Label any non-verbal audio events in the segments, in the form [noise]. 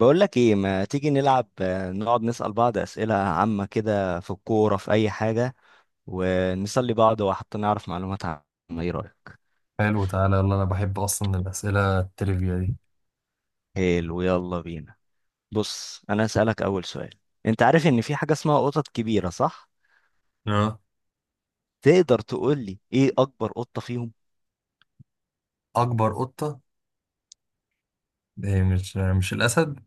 بقول لك ايه ما تيجي نلعب نقعد نسأل بعض أسئلة عامة كده في الكورة في أي حاجة. ونسلي بعض وحتى نعرف معلومات عامة. ايه رأيك؟ حلو، تعالى يلا. انا بحب اصلا الاسئله التريفيا دي. حلو، يلا بينا. بص أنا هسألك أول سؤال. أنت عارف إن في حاجة اسمها قطط كبيرة، صح؟ اه. تقدر تقول لي ايه أكبر قطة فيهم؟ اكبر قطه؟ إيه، مش الاسد؟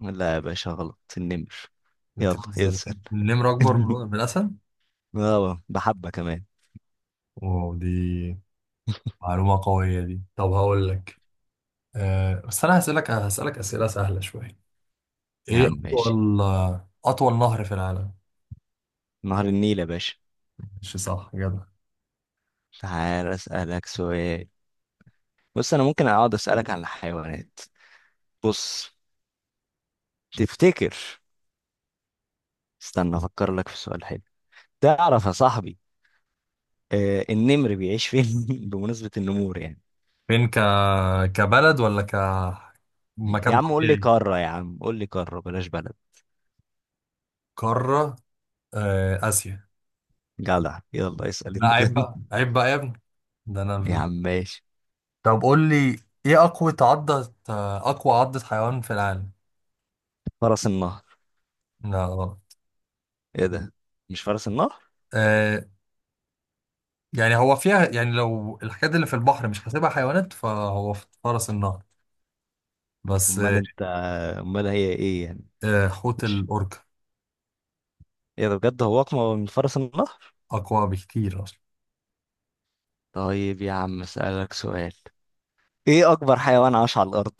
لا يا باشا، غلط، النمر. يلا بتهزر. اسأل. النمر اكبر [laughs] من الاسد. اه، بحبة كمان. واو، دي معلومه قويه دي. طب هقول لك. أه بس انا هسالك اسئله سهله شويه. يا ايه عم ماشي. اطول؟ اطول نهر في العالم؟ نهر النيل يا باشا. مش صح جدع. تعال أسألك سؤال. بص أنا ممكن أقعد أسألك عن الحيوانات. بص، تفتكر، استنى افكر لك في سؤال حلو. تعرف يا صاحبي، النمر بيعيش فين؟ [laughs] بمناسبة النمور يعني. فين؟ كبلد ولا يا مكان عم قول لي طبيعي؟ قارة، يا عم قول لي قارة، بلاش بلد. قاره. أه، اسيا. جدع، يلا اسأل لا انت. عيب بقى [laughs] عيب بقى يا ابني، ده يا انا. عم ماشي. طب قول لي، ايه اقوى عضة؟ اقوى عضة حيوان في العالم؟ فرس النهر. لا غلط. ايه ده، مش فرس النهر؟ آه، يعني هو فيها يعني، لو الحاجات اللي في البحر مش حاسبها حيوانات فهو في فرس النهر بس. امال آه، انت، امال هي ايه يعني؟ آه، حوت مش، الاوركا. ايه ده بجد، هو اقمى من فرس النهر؟ اقوى بكتير اصلا. طيب يا عم اسألك سؤال. ايه اكبر حيوان عاش على الارض؟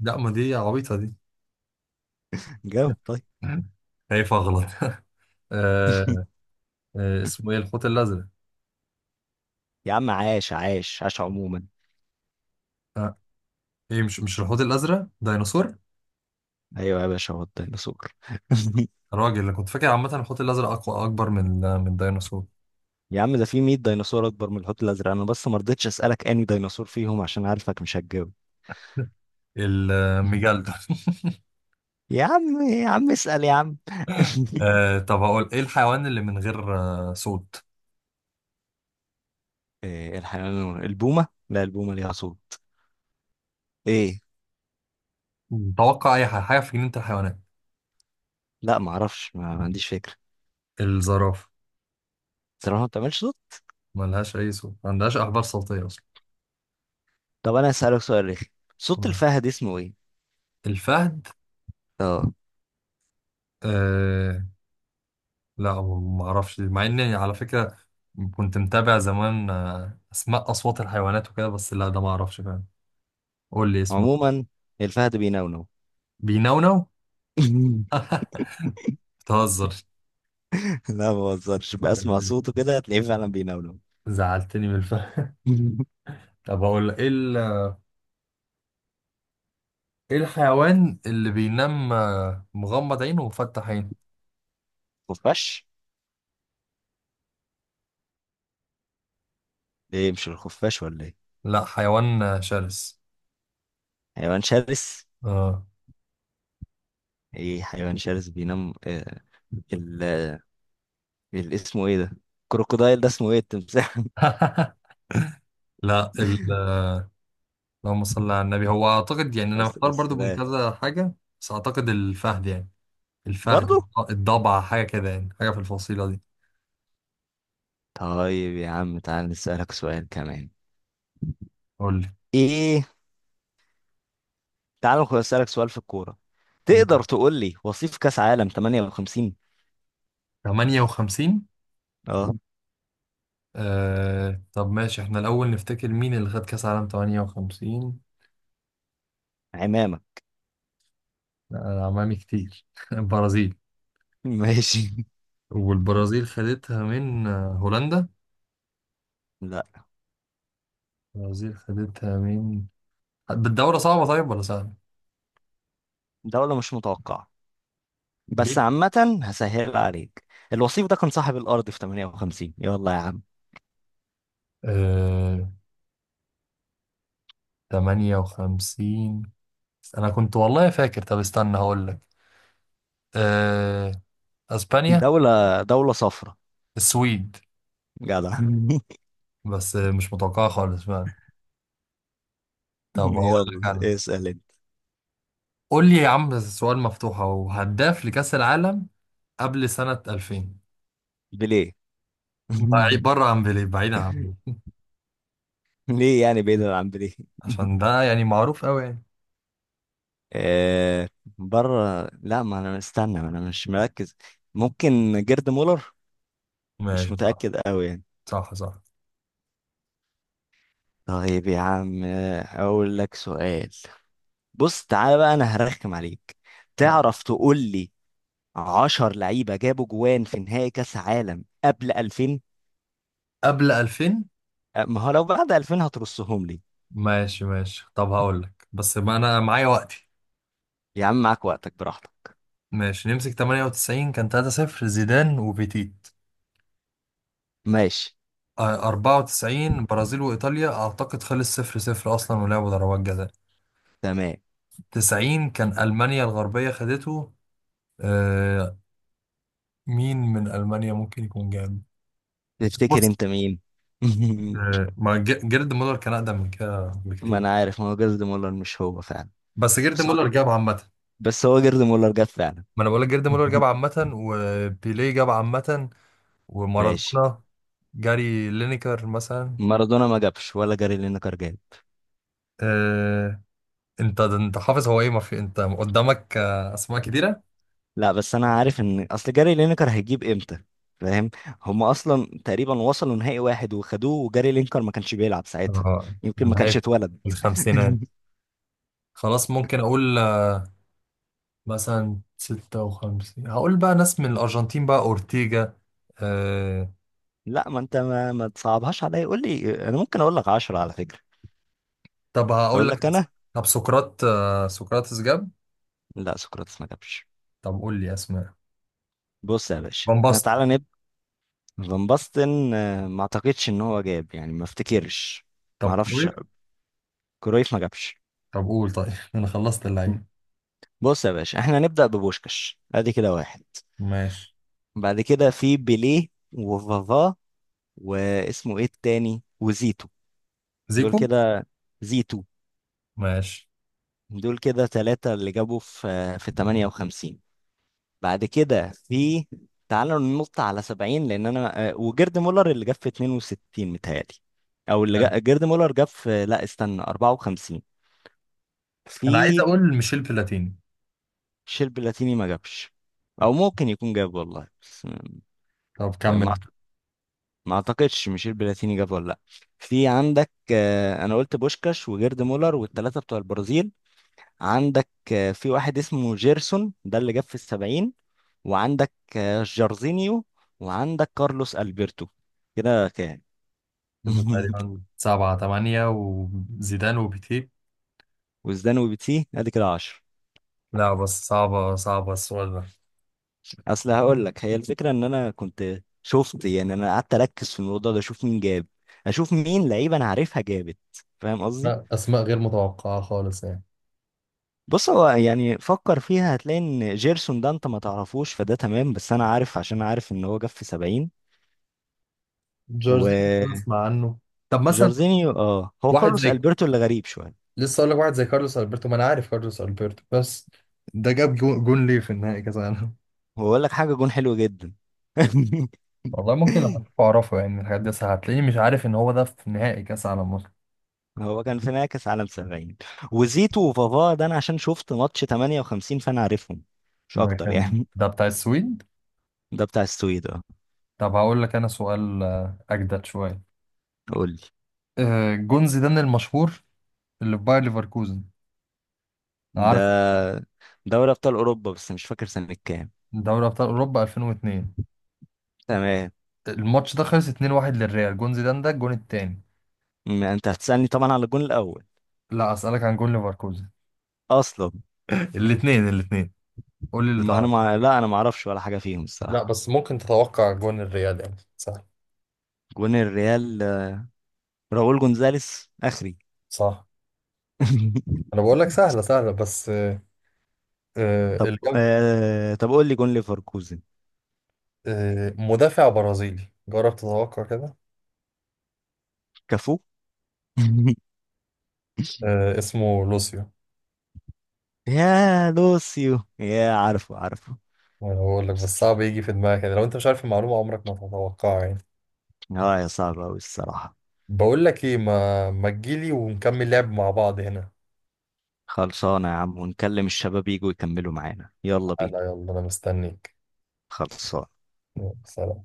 لا، ما دي عبيطة دي. [laughs] جاوب [laughs] طيب. خايف اغلط. آه. اسمه ايه، الحوت الازرق. يا عم، عاش عاش عاش عموما. آه، ايه، مش الحوت الازرق، ديناصور. ايوه يا باشا، هو الديناصور. [laughs] الراجل اللي كنت فاكر عامة، الحوت الازرق اقوى، اكبر من الديناصور. يا عم ده في 100 ديناصور اكبر من الحوت الازرق، انا بس ما رضيتش اسالك اني ديناصور فيهم عشان عارفك مش هتجاوب. [laughs] الميجالدون. يا عم، يا عم اسال يا عم. [laughs] طب هقول ايه الحيوان اللي من غير صوت. إيه الحيوان؟ البومه؟ لا البومه ليها صوت. ايه؟ توقع اي حاجه، في جنينه الحيوانات. لا ما اعرفش، ما عنديش فكره. الزرافه. صراحه ما بتعملش صوت؟ ملهاش اي صوت، ما عندهاش احبال صوتيه اصلا. طب انا هسالك سؤال رخي. صوت مم. الفهد اسمه ايه؟ الفهد. اه. آه، لا ما اعرفش، مع اني على فكره كنت متابع زمان اسماء اصوات الحيوانات وكده، بس لا ده ما اعرفش فعلا. قول لي اسمه. عموما الفهد بينونو. بينونو؟ [laughs] [laughs] بتهزر. لا ما بهزرش، بسمع صوته كده هتلاقيه فعلا بينونو. زعلتني من الفهد. [laughs] طب اقول لك ايه الحيوان اللي بينام مغمض عينه ومفتح عينه؟ خفاش. ايه مش الخفاش ولا ايه؟ لا حيوان شرس. حيوان شرس. اه. ايه حيوان شرس بينام ال... اسمه ايه ده؟ كروكودايل، ده اسمه ايه؟ التمساح. [laughs] لا ال... اللهم صل على النبي، هو [laughs] اعتقد يعني، انا بس محتار بس برضو من لا. كذا حاجه، بس اعتقد الفهد يعني. الفهد، برضو. الضبع، حاجه كده يعني، حاجه في الفصيله دي. طيب يا عم تعال نسألك سؤال كمان. قول لي. ايه؟ تعال نسألك سؤال في الكورة. يلا. تقدر تقول لي وصيف كأس عالم 58؟ 58؟ اه. آه... طب ماشي، احنا الاول نفتكر مين اللي خد كاس عالم 58. عمامة. لا أنا عمامي كتير. [laughs] البرازيل. [laughs] ماشي. والبرازيل خدتها من هولندا. لا البرازيل خدتها من. بالدوره صعبه طيب ولا سهله؟ دولة مش متوقعة، بس عامة هسهل عليك. الوصيف ده كان صاحب الأرض في 58، يلا يا عم. ليه؟ 58. أنا كنت والله فاكر. طب استنى هقول لك. أه... أسبانيا. دولة دولة صفرا. السويد. جدع. [laughs] بس مش متوقعة خالص فعلا. [laughs] طب هقول لك يلا أنا. اسأل انت. قول لي يا عم سؤال مفتوح، أهو هداف لكأس العالم قبل سنة 2000. بليه. [laughs] بعيد بره عن بيليه، بعيدا عن بيليه. ليه يعني بعيدا عن بليه؟ عشان [laughs] ده يعني معروف أوي يعني. آه بره، لا ما انا استنى، ما انا مش مركز. ممكن جيرد مولر. مش ماشي. متأكد قوي يعني. صح، صح، صح. طيب يا عم، اقول لك سؤال. بص تعالى بقى انا هرخم عليك. لا تعرف تقول لي 10 لعيبة جابوا جوان في نهائي كأس عالم قبل 2000؟ قبل 2000. ما هو لو بعد 2000 هترصهم لي. ماشي، ماشي. طب هقول لك، بس ما أنا معايا وقتي. يا عم معاك وقتك براحتك. ماشي، نمسك 98 كان 3-0، زيدان وبيتيت. ماشي. 94 برازيل وإيطاليا أعتقد خلص صفر صفر أصلا، ولعبوا ضربات جزاء. تمام. 90 كان ألمانيا الغربية خدته. آه، مين من ألمانيا ممكن يكون جاب؟ تفتكر بص. انت مين؟ [laughs] ما ج- جيرد مولر كان أقدم من كده ما انا بكتير. عارف، ما هو جيرد مولر مش هو فعلا. بس جيرد بس هو مولر جاب عامة. بس هو جيرد مولر جاب فعلا. ما أنا بقول لك جيرد مولر جاب [laughs] عامة، وبيليه جاب عامة. ماشي. ومارادونا. جاري لينيكر مثلا. مارادونا ما جابش ولا جاري لينكر جاب. آه. أنت حافظ، هو إيه، ما في أنت قدامك أسماء كتيرة. لا بس انا عارف ان اصل جاري لينكر هيجيب امتى. فاهم، هما اصلا تقريبا وصلوا نهائي واحد وخدوه وجاري لينكر ما كانش بيلعب ساعتها. آه، يمكن ما من هاي كانش اتولد. الخمسينات. [laughs] خلاص ممكن اقول مثلا 56. هقول بقى ناس من الارجنتين، بقى اورتيجا. آه... لا ما انت ما تصعبهاش عليا، قول لي انا ممكن اقول لك 10 على فكرة. طب هقول اقول لك لك أس- انا. طب سقراطس جاب. لا سقراطس ما جابش. طب قول لي اسماء. بص يا باشا فان احنا باستن. تعالى. فان باستن، ما اعتقدش ان هو جاب يعني، ما افتكرش. ما طب اعرفش. كرويف. كرويف ما جابش. طب قول طيب. [laughs] انا خلصت اللعيبه. بص يا باشا احنا هنبدأ ببوشكاش، ادي كده واحد. ماشي. بعد كده في بيليه وفافا، واسمه ايه التاني وزيتو. دول زيكو. كده. زيتو. ماشي. دول كده 3 اللي جابوا في في 58. بعد كده في، تعالوا ننط على 70 لان انا وجيرد مولر اللي جاب في 62 متهيألي. او اللي حلو. جيرد مولر جاب في، لا استنى، 54. انا عايز في اقول ميشيل بلاتيني. الشيب بلاتيني ما جابش، او ممكن يكون جاب والله بس. طب ما كمل. أعت- ما اعتقدش ميشيل بلاتيني جاب ولا لا. في عندك انا قلت بوشكاش وجيرد مولر والثلاثه بتوع البرازيل. عندك في واحد اسمه جيرسون، ده اللي جاب في الـ70. وعندك جارزينيو. وعندك كارلوس البرتو. كده كام؟ كده [laughs] تقريبا سبعة تمانية، وزيدان وبيتي. وزدان وبيتسي، ادي كده 10. لا بس صعبة صعبة السؤال ده. اصل هقول لك هي الفكره ان انا كنت شفت يعني، انا قعدت اركز في الموضوع ده اشوف مين جاب، اشوف مين لعيبه انا عارفها جابت. فاهم قصدي. لا أسماء غير متوقعة خالص يعني. بص هو يعني فكر فيها هتلاقي ان جيرسون ده انت ما تعرفوش، فده تمام، بس انا عارف عشان أنا عارف ان هو جاب في 70. جورجينيو بسمع عنه. طب مثلا، وجارزينيو اه، هو واحد كارلوس زي البرتو اللي غريب شويه. لسه اقول لك واحد زي كارلوس البرتو. ما انا عارف كارلوس البرتو بس. ده جاب جون ليه في النهائي كاس العالم. هو اقول لك حاجه، جون حلو جدا. [laughs] والله ممكن لما تشوفه اعرفه يعني، من الحاجات دي، بس هتلاقيني مش عارف ان هو ده في نهائي كاس العالم اصلا. هو كان في نهاية عالم 70. وزيتو وفافا ده انا عشان شفت ماتش 58 فانا عارفهم، مش ده اكتر كان يعني. ده بتاع السويد. [laughs] ده بتاع السويد طب هقول لك انا سؤال اجدد شويه. قول لي. آه، جون زيدان المشهور، اللي في باير ليفركوزن. ده عارفه. دوري ابطال اوروبا، بس مش فاكر سنة كام. دوري ابطال اوروبا 2002. تمام. الماتش ده خلص 2-1 للريال. جون زيدان ده الجون التاني. ما انت هتسألني طبعا على الجون الاول. لا اسالك عن جون ليفركوزن. اصلا. [laughs] الاثنين الاثنين. قول لي اللي ما انا تعرف. لا انا ما اعرفش ولا حاجة فيهم لا الصراحة. بس ممكن تتوقع جون الريال يعني سهل. جون الريال راؤول جونزاليس اخري. صح. [laughs] انا بقول لك سهله سهله بس. طب الجاب. طب قول لي جون ليفركوزن. آه، مدافع برازيلي، جرب تتوقع كده. كفو. [laughs] آه، اسمه لوسيو. يا لوسيو، يا عارفه عارفه. وانا بقول لك بس صعب يجي في دماغك يعني، لو انت مش عارف المعلومه عمرك ما تتوقعها يعني. اه يا صعب أوي الصراحة. بقول لك ايه، ما تجيلي ونكمل لعب مع بعض هنا. خلصانة يا عم، ونكلم الشباب يجوا يكملوا معانا، يلا لا بينا. يلا انا مستنيك. خلصانة. يلا، سلام.